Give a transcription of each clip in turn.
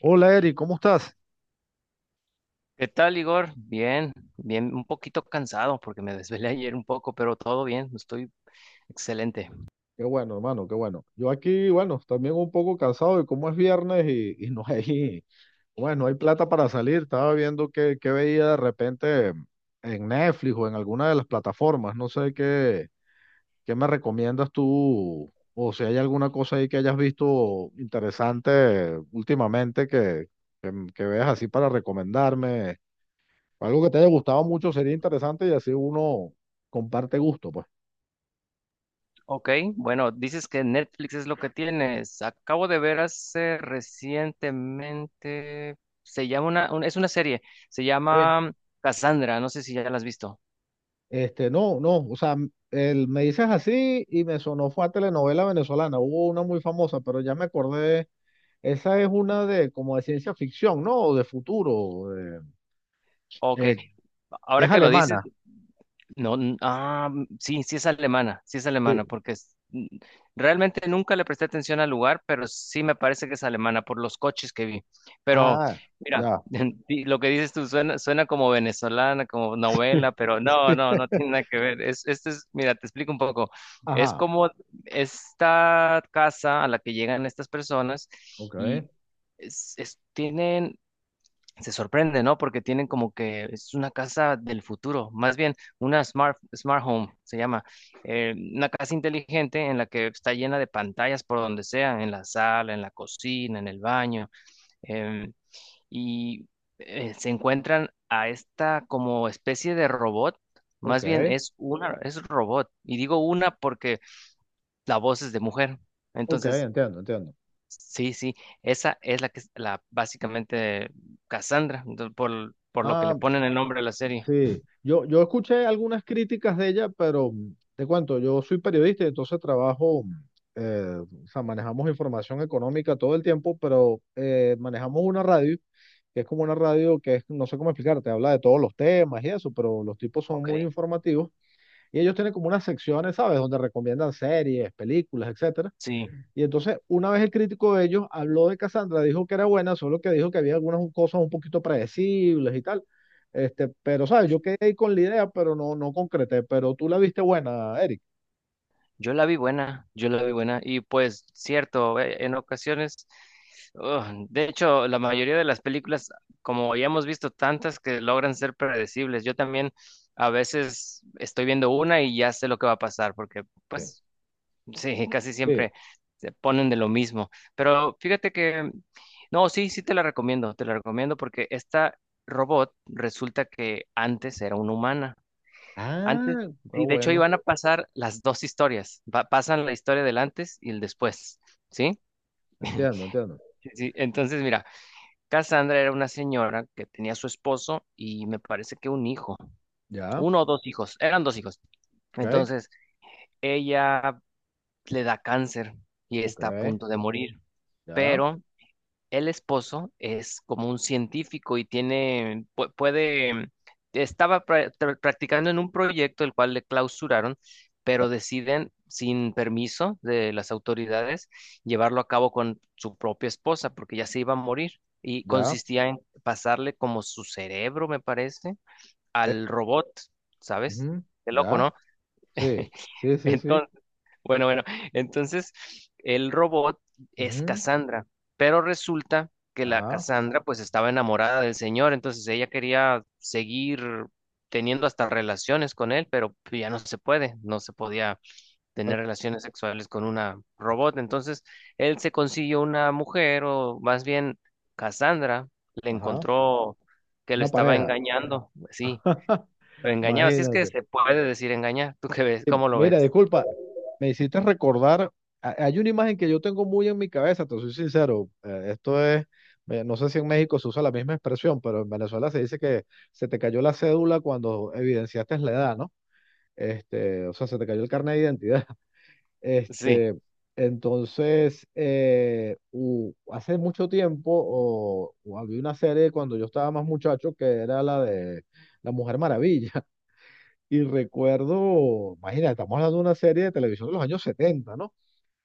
Hola Eri, ¿cómo estás? ¿Qué tal, Igor? Bien, un poquito cansado porque me desvelé ayer un poco, pero todo bien, estoy excelente. Qué bueno, hermano, qué bueno. Yo aquí, bueno, también un poco cansado y como es viernes y no hay, bueno, no hay plata para salir. Estaba viendo qué veía de repente en Netflix o en alguna de las plataformas. No sé qué me recomiendas tú o si hay alguna cosa ahí que hayas visto interesante últimamente que veas así para recomendarme. Algo que te haya gustado mucho sería interesante y así uno comparte gusto, pues. Ok, bueno, dices que Netflix es lo que tienes. Acabo de ver hace recientemente, se llama es una serie, se llama Cassandra, no sé si ya la has visto. Este, no, no, o sea, me dices así y me sonó fue a telenovela venezolana. Hubo una muy famosa, pero ya me acordé. Esa es una de como de ciencia ficción, ¿no? O de futuro. Ok, eh, ahora es que lo dices, alemana. no, sí, es alemana, sí es Sí. alemana, realmente nunca le presté atención al lugar, pero sí me parece que es alemana por los coches que vi. Pero Ah, mira, ya. Lo que dices tú suena, suena como venezolana, como novela, pero no, no, no tiene nada que ver. Este es, mira, te explico un poco. Es Ajá. como esta casa a la que llegan estas personas Ok, y es- tienen se sorprende, ¿no? Porque tienen como que es una casa del futuro, más bien una smart home, se llama, una casa inteligente en la que está llena de pantallas por donde sea, en la sala, en la cocina, en el baño, em, y se encuentran a esta como especie de robot, más bien ok, es robot, y digo una porque la voz es de mujer. ok, Entonces entiendo, entiendo. sí, sí, esa es la que es la básicamente Cassandra, por, lo que le Ah, ponen el nombre a la serie. sí, yo escuché algunas críticas de ella, pero te cuento, yo soy periodista y entonces trabajo, eh, o sea, manejamos información económica todo el tiempo, pero manejamos una radio, que es como una radio que es, no sé cómo explicarte, habla de todos los temas y eso, pero los tipos son Ok. muy informativos y ellos tienen como unas secciones, ¿sabes? Donde recomiendan series, películas, etcétera. Sí, Y entonces, una vez el crítico de ellos habló de Cassandra, dijo que era buena, solo que dijo que había algunas cosas un poquito predecibles y tal. Este, pero, ¿sabes? Yo quedé ahí con la idea, pero no, no concreté. Pero tú la viste buena, Eric. yo la vi buena, yo la vi buena y pues cierto, en ocasiones, de hecho, la mayoría de las películas, como ya hemos visto tantas que logran ser predecibles, yo también a veces estoy viendo una y ya sé lo que va a pasar porque Sí. pues sí, casi Sí. siempre se ponen de lo mismo. Pero fíjate que, no, sí, sí te la recomiendo porque esta robot resulta que antes era una humana. Antes, Ah, está sí, de hecho ahí bueno. van a pasar las dos historias. Pasan la historia del antes y el después, ¿sí? Entiendo, entiendo. Sí, sí. Entonces, mira, Cassandra era una señora que tenía a su esposo y me parece que un hijo, Ya, uno o dos hijos, eran dos hijos. ok, Entonces, ella le da cáncer y ok, está a punto de morir. ya, Pero el esposo es como un científico y tiene, puede, estaba practicando en un proyecto el cual le clausuraron, pero deciden, sin permiso de las autoridades, llevarlo a cabo con su propia esposa porque ya se iba a morir. Y ya, consistía en pasarle como su cerebro, me parece, al robot, ¿sabes? ujú, Qué loco, ya. ¿no? Sí, sí, sí, sí. Entonces, bueno, entonces el robot es Ujú, Cassandra, pero resulta que la ajá, Cassandra pues estaba enamorada del señor, entonces ella quería seguir teniendo hasta relaciones con él, pero pues, no se podía tener pero- relaciones sexuales con una robot, entonces él se consiguió una mujer o más bien Cassandra le ajá. encontró que lo Una estaba pareja. engañando, sí, lo engañaba, si es que Imagínate. se puede decir engañar. ¿Tú qué ves? ¿Cómo lo Mira, ves? disculpa, me hiciste recordar, hay una imagen que yo tengo muy en mi cabeza, te soy sincero, esto es, no sé si en México se usa la misma expresión, pero en Venezuela se dice que se te cayó la cédula cuando evidenciaste la edad, ¿no? Este, o sea, se te cayó el carnet de identidad. Sí, Este, entonces, hace mucho tiempo o había una serie cuando yo estaba más muchacho que era la de La Mujer Maravilla. Y recuerdo, imagina, estamos hablando de una serie de televisión de los años 70, ¿no?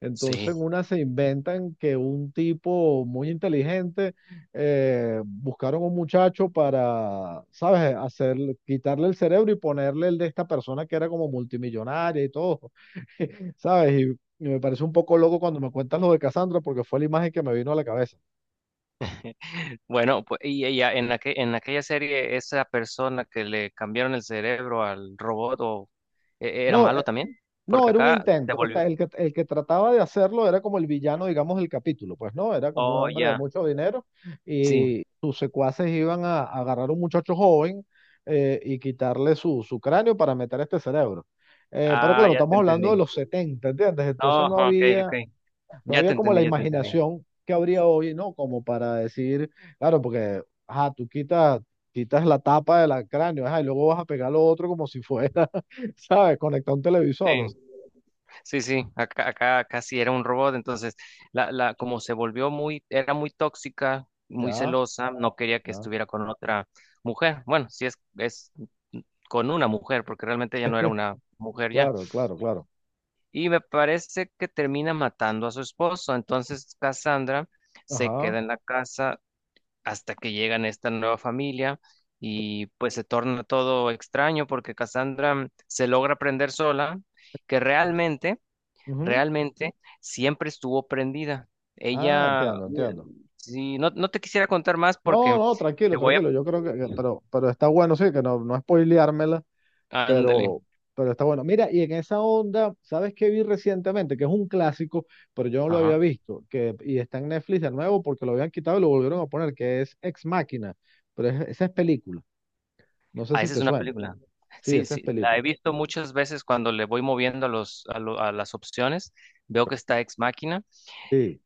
Entonces sí. en una se inventan que un tipo muy inteligente, buscaron un muchacho para, ¿sabes? Hacer, quitarle el cerebro y ponerle el de esta persona que era como multimillonaria y todo, ¿sabes? Y me parece un poco loco cuando me cuentas lo de Cassandra porque fue la imagen que me vino a la cabeza. Bueno, pues y ella en en aquella serie, esa persona que le cambiaron el cerebro al robot era No, malo también, no, porque era un acá se intento. O volvió. sea, el que trataba de hacerlo era como el villano, digamos, del capítulo. Pues no, era como un Oh, hombre de ya, mucho dinero sí. y sus secuaces iban a agarrar a un muchacho joven, y quitarle su, cráneo para meter este cerebro. Pero Ah, claro, ya te estamos hablando de entendí. los 70, ¿entiendes? Oh, Entonces no ok, ok. había, no Ya te había como entendí, la ya te entendí. imaginación que habría hoy, ¿no? Como para decir, claro, porque, ajá, tú quitas la tapa del cráneo, ajá, y luego vas a pegar lo otro como si fuera, ¿sabes? Conectar un televisor. O Sí, sí, sí. Acá, acá casi era un robot, entonces como se volvió muy, era muy tóxica, muy Ya, celosa, no quería que ya. estuviera con otra mujer. Bueno, si es, es con una mujer, porque realmente ella no era una mujer ya. Claro, claro, claro. Y me parece que termina matando a su esposo. Entonces Cassandra se queda Ajá. en la casa hasta que llegan esta nueva familia Ent- y pues se torna todo extraño porque Cassandra se logra prender sola, que realmente, Ujú. realmente siempre estuvo prendida. Ah, Ella, entiendo, mira, entiendo. si no, no te quisiera contar más No, porque no, te tranquilo, voy a... tranquilo. Yo creo pero está bueno, sí, que no, no spoileármela, Ándale. pero, pero está bueno. Mira, y en esa onda, ¿sabes qué vi recientemente? Que es un clásico, pero yo no lo había Ajá. visto, y está en Netflix de nuevo porque lo habían quitado y lo volvieron a poner, que es Ex Máquina, pero esa es película. No sé Ah, si esa es te una suena. película. Sí, Sí, esa es sí, la película. he visto muchas veces cuando le voy moviendo a los, a las opciones. Veo que está Ex Máquina.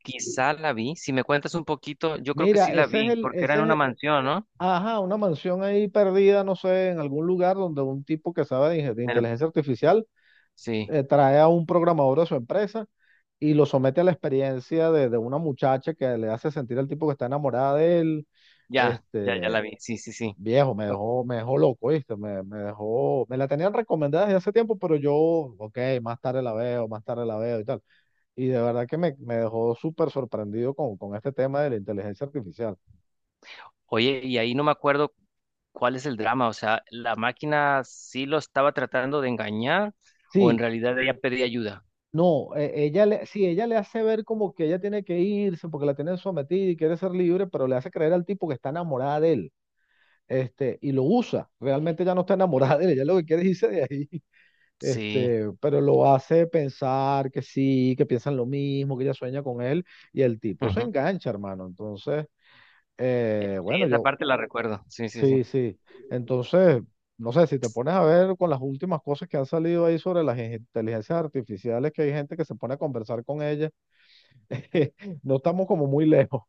Quizá la vi. Si me cuentas un poquito, yo creo que sí Mira, la ese es vi, el, porque era en ese una es, mansión, ¿no? ajá, una mansión ahí perdida, no sé, en algún lugar donde un tipo que sabe de En el- inteligencia artificial, sí, trae a un programador de su empresa y lo somete a la experiencia de una muchacha que le hace sentir al tipo que está enamorada de él. ya, ya, ya Este, la vi. Sí, sí, sí. viejo, me dejó loco, ¿viste? Me dejó, me la tenían recomendada desde hace tiempo, pero yo, ok, más tarde la veo, más tarde la veo y tal. Y de verdad que me dejó súper sorprendido con este tema de la inteligencia artificial. Oye, y ahí no me acuerdo cuál es el drama, o sea, ¿la máquina sí lo estaba tratando de engañar o en Sí, realidad ella pedía ayuda? no, sí, ella le hace ver como que ella tiene que irse porque la tienen sometida y quiere ser libre, pero le hace creer al tipo que está enamorada de él, este, y lo usa. Realmente ella no está enamorada de él, ella lo que quiere es irse de ahí, Sí, este, pero lo hace pensar que sí, que piensan lo mismo, que ella sueña con él, y el tipo se ujú. engancha, hermano. Entonces, Sí, bueno, esa parte la recuerdo, sí, sí, sí. sí, sí. Entonces, no sé, si te pones a ver con las últimas cosas que han salido ahí sobre las inteligencias artificiales, que hay gente que se pone a conversar con ella. No estamos como muy lejos.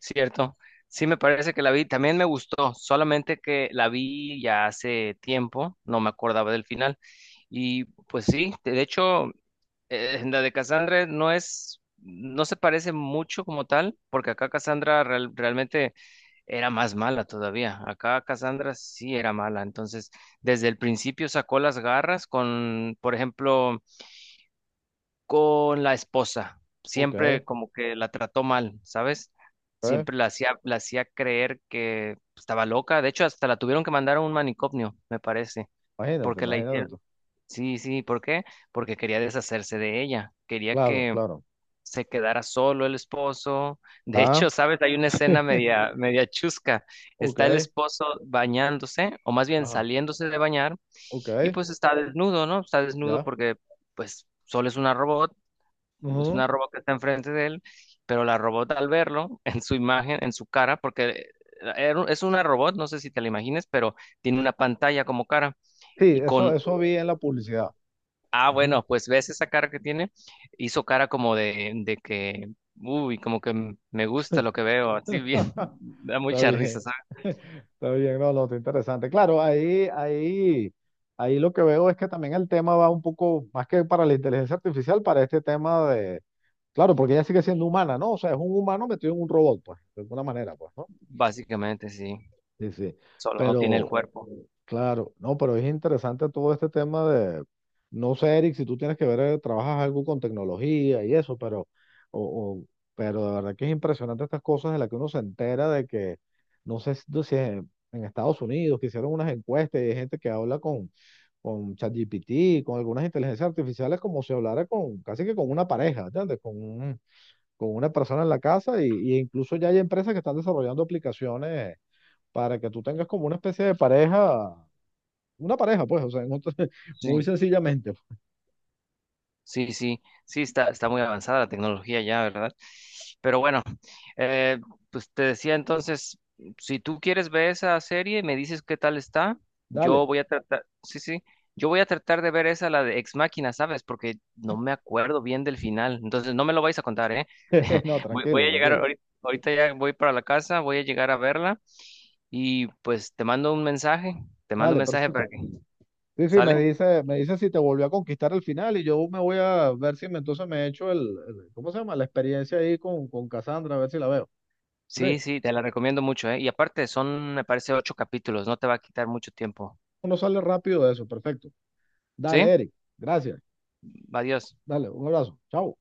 Cierto, sí me parece que la vi, también me gustó, solamente que la vi ya hace tiempo, no me acordaba del final. Y pues sí, de hecho, la de Cassandra no es, no se parece mucho como tal, porque acá Cassandra realmente era más mala todavía. Acá Cassandra sí era mala, entonces desde el principio sacó las garras con, por ejemplo, con la esposa. Ok, Siempre como que la trató mal, ¿sabes? ok. Siempre la hacía creer que estaba loca. De hecho, hasta la tuvieron que mandar a un manicomio, me parece, Imagínate, porque la imagínate hicieron. tú. Sí, sí, ¿por qué? Porque quería deshacerse de ella. Quería Claro, que claro. se quedara solo el esposo. De Ah, hecho, ¿sabes? Hay una escena media, media chusca. Está el ok. esposo bañándose, o más bien Ajá. saliéndose de bañar, Ok, y pues está desnudo, ¿no? Está desnudo ya. porque pues solo es una Ujú. robot que está enfrente de él, pero la robot al verlo, en su imagen, en su cara, porque es una robot, no sé si te la imagines, pero tiene una pantalla como cara. Sí, Y eso, con, eso vi en la publicidad. ah, Ujú. bueno, pues ves esa cara que tiene, hizo cara como de, que, uy, como que me gusta lo que veo, así bien, da Está mucha risa, bien. ¿sabes? Está bien, no, no, está interesante. Claro, ahí lo que veo es que también el tema va un poco más que para la inteligencia artificial, para este tema de, claro, porque ella sigue siendo humana, ¿no? O sea, es un humano metido en un robot, pues, de alguna manera, pues, ¿no? Básicamente, sí, Sí, sí. solo no tiene el Pero, cuerpo. Claro, no, pero es interesante todo este tema de, no sé, Eric, si tú tienes que ver, trabajas algo con tecnología y eso, o, o- pero de verdad que es impresionante estas cosas de las que uno se entera de que, no sé si en Estados Unidos que hicieron unas encuestas y hay gente que habla con ChatGPT, con algunas inteligencias artificiales, como si hablara con, casi que con una pareja, ¿entiendes? Con una persona en la casa y incluso ya hay empresas que están desarrollando aplicaciones para que tú tengas como una especie de pareja, una pareja, pues, o sea, muy Sí. sencillamente. Sí, sí, sí, está, está muy avanzada la tecnología ya, ¿verdad? Pero bueno, eh, pues te decía entonces, si tú quieres ver esa serie y me dices qué tal está, yo Dale. voy a tratar, sí, sí, yo voy a tratar de ver esa, la de Ex Machina, ¿sabes? Porque no me acuerdo bien del final, entonces no me lo vais a contar, ¿eh? No, Voy, voy tranquilo, a llegar, tranquilo. ahorita, ahorita ya voy para la casa, voy a llegar a verla y pues te mando un mensaje, te mando un Dale, mensaje para perfecto. que, Sí, sí, me ¿sale? dice, me dice si te volvió a conquistar el final y yo me voy a ver si me, entonces me he hecho ¿cómo se llama? La experiencia ahí con Cassandra, a ver si la veo. Ok, Sí, sí, te la recomiendo mucho, ¿eh? Y aparte son, me parece, ocho capítulos, no te va a quitar mucho tiempo. uno sale rápido de eso, perfecto. Dale, ¿Sí? Eric, gracias. Adiós. Dale, un abrazo. Chao.